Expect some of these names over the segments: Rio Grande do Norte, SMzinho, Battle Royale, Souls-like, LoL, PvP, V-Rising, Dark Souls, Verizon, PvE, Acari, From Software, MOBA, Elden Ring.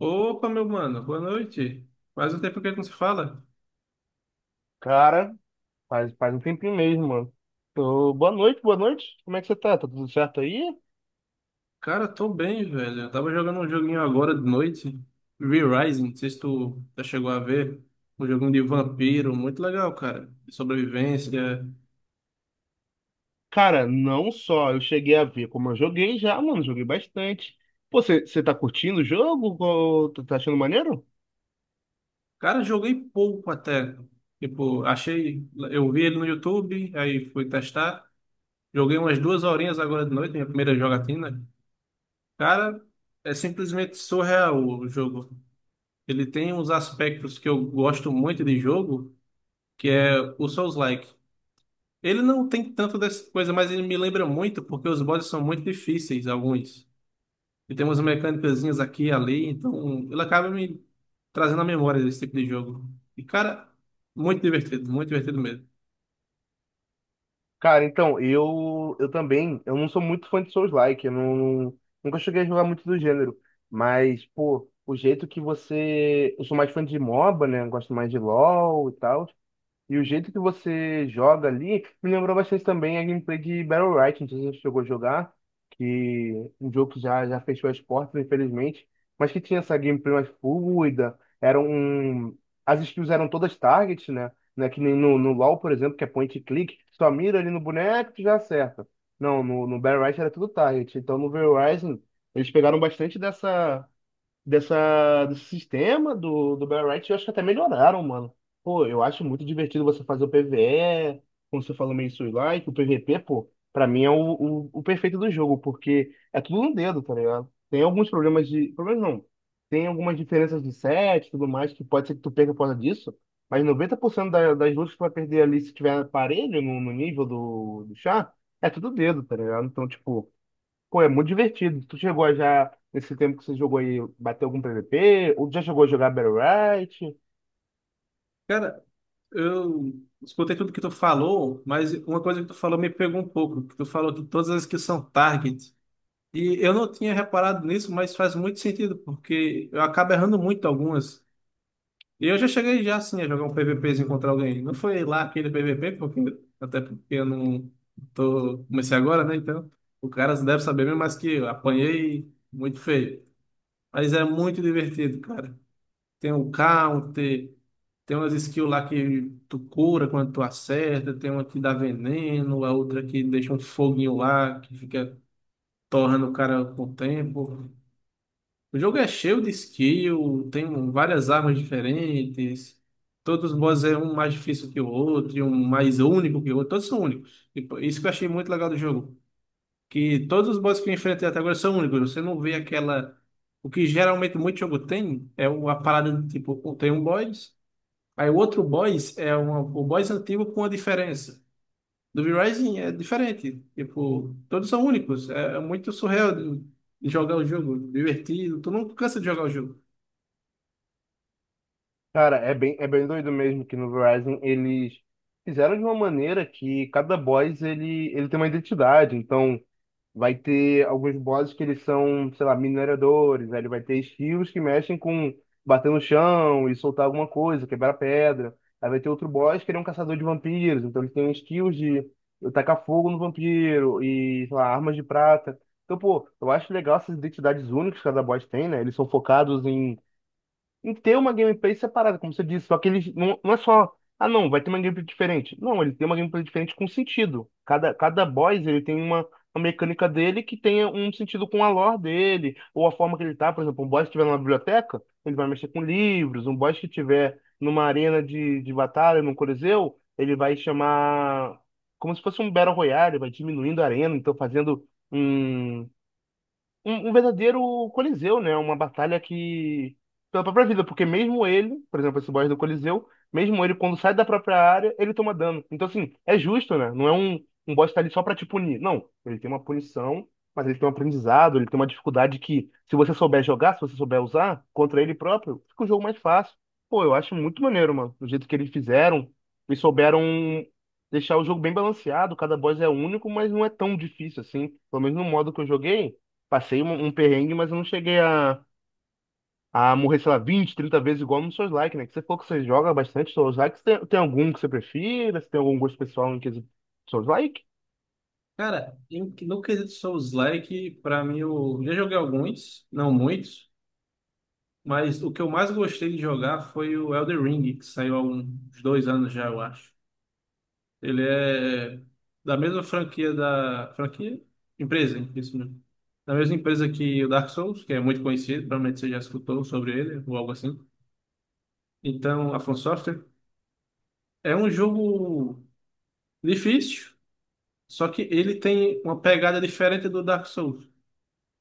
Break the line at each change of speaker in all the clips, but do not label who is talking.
Opa, meu mano, boa noite. Faz um tempo que a gente não se fala.
Cara, faz um tempinho mesmo, mano. Ô, boa noite, boa noite. Como é que você tá? Tá tudo certo aí?
Cara, tô bem, velho. Eu tava jogando um joguinho agora de noite, V-Rising, não sei se tu já chegou a ver. Um joguinho de vampiro, muito legal, cara. De sobrevivência.
Cara, não só eu cheguei a ver como eu joguei já, mano. Joguei bastante. Pô, você tá curtindo o jogo? Ô, tá achando maneiro?
Cara, joguei pouco até. Tipo, achei. Eu vi ele no YouTube, aí fui testar. Joguei umas duas horinhas agora de noite, minha primeira jogatina. Cara, é simplesmente surreal o jogo. Ele tem uns aspectos que eu gosto muito de jogo, que é o Souls-like. Ele não tem tanto dessa coisa, mas ele me lembra muito, porque os bosses são muito difíceis, alguns. E tem umas mecânicazinhas aqui e ali, então ele acaba me trazendo a memória desse tipo de jogo. E, cara, muito divertido mesmo.
Cara, então, eu também, eu não sou muito fã de Souls-like, eu não, nunca cheguei a jogar muito do gênero, mas, pô, o jeito que você, eu sou mais fã de MOBA, né, gosto mais de LoL e tal. E o jeito que você joga ali me lembrou bastante também a gameplay de Battle Royale, não sei se você chegou a jogar, que um jogo que já fechou as portas, infelizmente, mas que tinha essa gameplay mais fluida, era um as skills eram todas target, né? Que nem no LoL, por exemplo, que é point and click, só mira ali no boneco e já acerta. Não, no Battle Royale era tudo target, então no Verizon eles pegaram bastante dessa desse sistema do Battle Riot, eu acho que até melhoraram, mano. Pô, eu acho muito divertido você fazer o PvE, como você falou, meio roguelike, o PvP, pô, pra mim é o perfeito do jogo, porque é tudo no dedo, tá ligado? Tem alguns problemas de. Problemas não. Tem algumas diferenças de set e tudo mais, que pode ser que tu perca por causa disso, mas 90% das lutas que tu vai perder ali, se tiver aparelho no nível do chá, é tudo dedo, tá ligado? Então, tipo. Pô, é muito divertido. Tu chegou a já, nesse tempo que você jogou aí, bater algum PVP? Ou já chegou a jogar Battle Royale?
Cara, eu escutei tudo que tu falou, mas uma coisa que tu falou me pegou um pouco, que tu falou de todas as que são target. E eu não tinha reparado nisso, mas faz muito sentido, porque eu acabo errando muito algumas. E eu já cheguei já assim a jogar um PVPzinho contra alguém. Não foi lá aquele PVP, porque, até porque eu não tô, comecei agora, né? Então, o cara deve saber mesmo, mas que eu apanhei muito feio. Mas é muito divertido, cara. Tem o counter, tem umas skills lá que tu cura quando tu acerta, tem uma que dá veneno, a outra que deixa um foguinho lá, que fica torrando o cara com o tempo. O jogo é cheio de skill, tem várias armas diferentes. Todos os bosses é um mais difícil que o outro, e um mais único que o outro. Todos são únicos. E pô, isso que eu achei muito legal do jogo. Que todos os bosses que eu enfrentei até agora são únicos. Você não vê aquela. O que geralmente muito jogo tem é uma parada do tipo, tem um boss, aí o outro boss é uma, o boss antigo com a diferença. Do V-Rising é diferente. Tipo, todos são únicos. É, é muito surreal de jogar o jogo, divertido. Tu não cansa de jogar o jogo.
Cara, é bem doido mesmo que no Verizon eles fizeram de uma maneira que cada boss ele tem uma identidade. Então, vai ter alguns bosses que eles são, sei lá, mineradores, aí ele vai ter estilos que mexem com bater no chão e soltar alguma coisa, quebrar pedra. Aí vai ter outro boss que ele é um caçador de vampiros, então ele tem skills de tacar fogo no vampiro e, sei lá, armas de prata. Então, pô, eu acho legal essas identidades únicas que cada boss tem, né? Eles são focados em em ter uma gameplay separada, como você disse. Só que eles não, não é só, ah não, vai ter uma gameplay diferente. Não, ele tem uma gameplay diferente com sentido. Cada boss ele tem uma mecânica dele que tenha um sentido com a lore dele, ou a forma que ele tá. Por exemplo, um boss que estiver numa biblioteca, ele vai mexer com livros. Um boss que estiver numa arena de batalha, num coliseu, ele vai chamar como se fosse um Battle Royale, vai diminuindo a arena, então fazendo um um verdadeiro Coliseu, né? Uma batalha que pela própria vida, porque mesmo ele, por exemplo, esse boss do Coliseu, mesmo ele, quando sai da própria área, ele toma dano. Então, assim, é justo, né? Não é um, um boss que tá ali só pra te punir. Não, ele tem uma punição, mas ele tem um aprendizado, ele tem uma dificuldade que, se você souber jogar, se você souber usar contra ele próprio, fica o jogo mais fácil. Pô, eu acho muito maneiro, mano. Do jeito que eles fizeram, e souberam deixar o jogo bem balanceado, cada boss é único, mas não é tão difícil assim. Pelo menos no modo que eu joguei. Passei um perrengue, mas eu não cheguei a morrer, sei lá, 20, 30 vezes igual no Souls Like, né? Que você falou que você joga bastante Souls Like. Você tem algum que você prefira? Você tem algum gosto pessoal em quesito Souls Like?
Cara, no quesito Souls-like, pra mim, eu já joguei alguns, não muitos, mas o que eu mais gostei de jogar foi o Elden Ring, que saiu há uns dois anos já, eu acho. Ele é da mesma franquia da... Franquia? Empresa, isso mesmo. Da mesma empresa que o Dark Souls, que é muito conhecido, provavelmente você já escutou sobre ele, ou algo assim. Então, a From Software é um jogo difícil, só que ele tem uma pegada diferente do Dark Souls.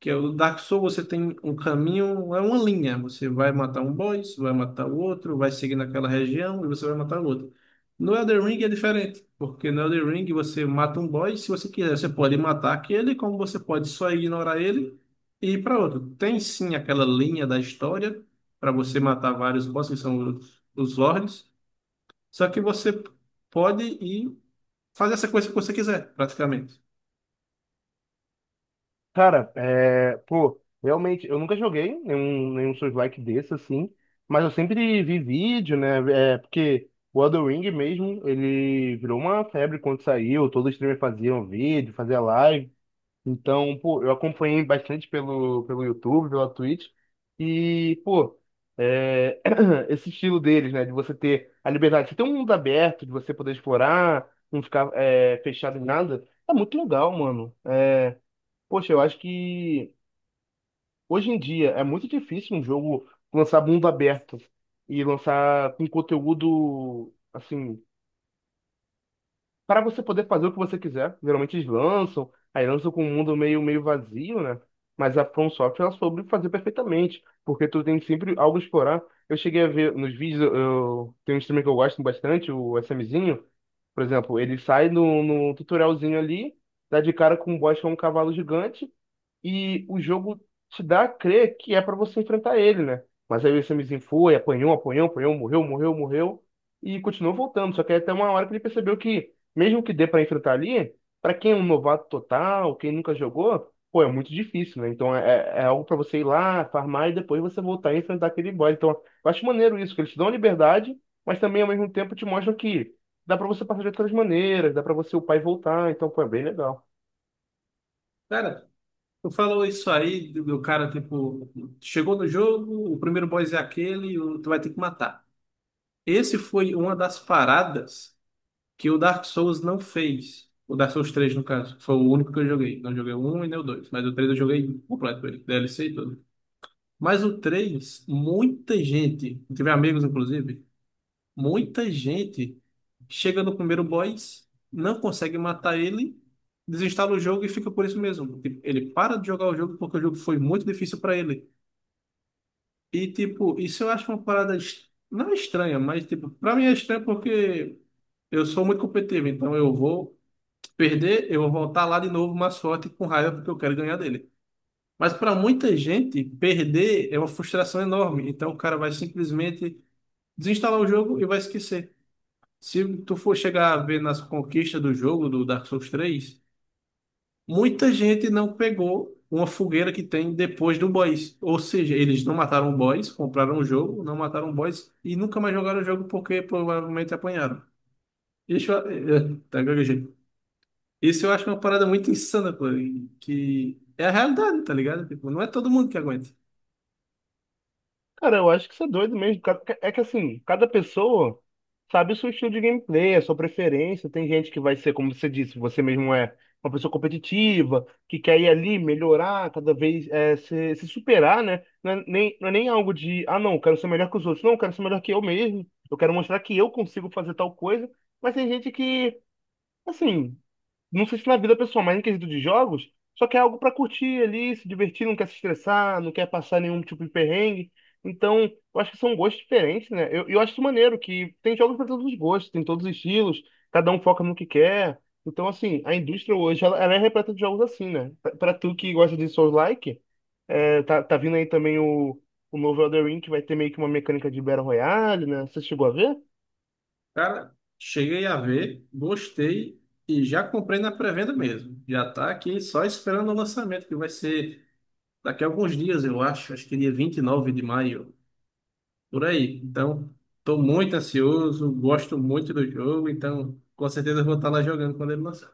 Que é o Dark Souls, você tem um caminho, é uma linha. Você vai matar um boss, vai matar o outro, vai seguir naquela região e você vai matar o outro. No Elden Ring é diferente, porque no Elden Ring você mata um boss, se você quiser, você pode matar aquele, como você pode só ignorar ele e ir para outro. Tem sim aquela linha da história para você matar vários bosses, que são os lords, só que você pode ir fazer essa coisa que você quiser, praticamente.
Cara, é, pô, realmente, eu nunca joguei nenhum Souls-like desse, assim, mas eu sempre vi vídeo, né, é, porque o Elden Ring mesmo, ele virou uma febre quando saiu, todo streamer fazia um vídeo, fazia live. Então, pô, eu acompanhei bastante pelo YouTube, pela Twitch. E, pô, é, esse estilo deles, né? De você ter a liberdade, você ter um mundo aberto, de você poder explorar, não ficar é, fechado em nada, é muito legal, mano. É, poxa, eu acho que hoje em dia é muito difícil um jogo lançar mundo aberto e lançar com conteúdo, assim, para você poder fazer o que você quiser. Geralmente eles lançam, aí lançam com um mundo meio vazio, né? Mas a From Software ela soube fazer perfeitamente, porque tu tem sempre algo a explorar. Eu cheguei a ver nos vídeos, eu, tem um streamer que eu gosto bastante, o SMzinho, por exemplo, ele sai no tutorialzinho ali, dá de cara com um boss que é um cavalo gigante, e o jogo te dá a crer que é pra você enfrentar ele, né? Mas aí o Samizinho foi, apanhou, morreu e continuou voltando. Só que aí até uma hora que ele percebeu que, mesmo que dê pra enfrentar ali, pra quem é um novato total, quem nunca jogou, pô, é muito difícil, né? Então é algo pra você ir lá, farmar e depois você voltar e enfrentar aquele boss. Então eu acho maneiro isso, que eles te dão a liberdade, mas também ao mesmo tempo te mostram que dá pra você passar de outras maneiras, dá pra você upar e voltar. Então, pô, é bem legal.
Cara, tu falou isso aí do cara, tipo, chegou no jogo, o primeiro boss é aquele, tu vai ter que matar. Esse foi uma das paradas que o Dark Souls não fez. O Dark Souls três no caso, foi o único que eu joguei. Não joguei o 1 e nem o 2, mas o 3 eu joguei completo, ele, DLC e tudo. Mas o 3 muita gente, tive amigos inclusive, muita gente chega no primeiro boss, não consegue matar ele, desinstala o jogo e fica por isso mesmo. Tipo, ele para de jogar o jogo porque o jogo foi muito difícil para ele. E, tipo, isso eu acho uma parada não é estranha, mas, tipo, para mim é estranho porque eu sou muito competitivo, então eu vou perder, eu vou voltar lá de novo, mais forte com raiva porque eu quero ganhar dele. Mas para muita gente, perder é uma frustração enorme, então o cara vai simplesmente desinstalar o jogo e vai esquecer. Se tu for chegar a ver nas conquistas do jogo do Dark Souls 3, muita gente não pegou uma fogueira que tem depois do boss. Ou seja, eles não mataram o boss, compraram o jogo, não mataram o boss e nunca mais jogaram o jogo porque provavelmente apanharam. Isso, é, é, tá gaguejando. Isso eu acho uma parada muito insana, pô, e que é a realidade, tá ligado? Tipo, não é todo mundo que aguenta.
Cara, eu acho que isso é doido mesmo. É que assim, cada pessoa sabe o seu estilo de gameplay, a sua preferência. Tem gente que vai ser, como você disse, você mesmo é uma pessoa competitiva, que quer ir ali, melhorar, cada vez é, se superar, né? Não é, nem, não é nem algo de, ah, não, eu quero ser melhor que os outros. Não, eu quero ser melhor que eu mesmo. Eu quero mostrar que eu consigo fazer tal coisa. Mas tem gente que, assim, não sei se na vida pessoal, mas em quesito de jogos, só quer algo pra curtir ali, se divertir, não quer se estressar, não quer passar nenhum tipo de perrengue. Então, eu acho que são gostos diferentes, né? Eu acho isso maneiro, que tem jogos pra todos os gostos, tem todos os estilos, cada um foca no que quer. Então, assim, a indústria hoje, ela é repleta de jogos assim, né? Pra tu que gosta de Souls-like, é, tá vindo aí também o novo Elden Ring, que vai ter meio que uma mecânica de Battle Royale, né? Você chegou a ver?
Cara, cheguei a ver, gostei e já comprei na pré-venda mesmo. Já tá aqui só esperando o lançamento, que vai ser daqui a alguns dias, eu acho, acho que dia 29 de maio, por aí. Então, estou muito ansioso, gosto muito do jogo, então com certeza eu vou estar lá jogando quando ele lançar.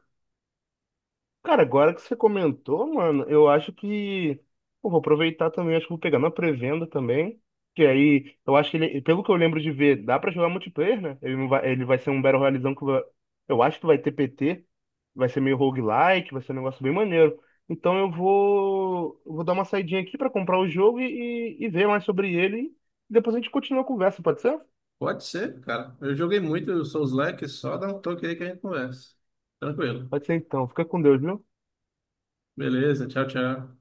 Cara, agora que você comentou, mano, eu acho que pô, vou aproveitar também, acho que vou pegar na pré-venda também. Que aí, eu acho que ele, pelo que eu lembro de ver, dá pra jogar multiplayer, né? Ele não vai, ele vai ser um Battle Royalezão que vai- eu acho que vai ter PT, vai ser meio roguelike, vai ser um negócio bem maneiro. Então eu vou dar uma saidinha aqui pra comprar o jogo e ver mais sobre ele. E depois a gente continua a conversa, pode ser?
Pode ser, cara. Eu joguei muito Souls-like, só dá um toque aí que a gente conversa. Tranquilo.
Pode ser então. Fica com Deus, viu?
Beleza, tchau, tchau.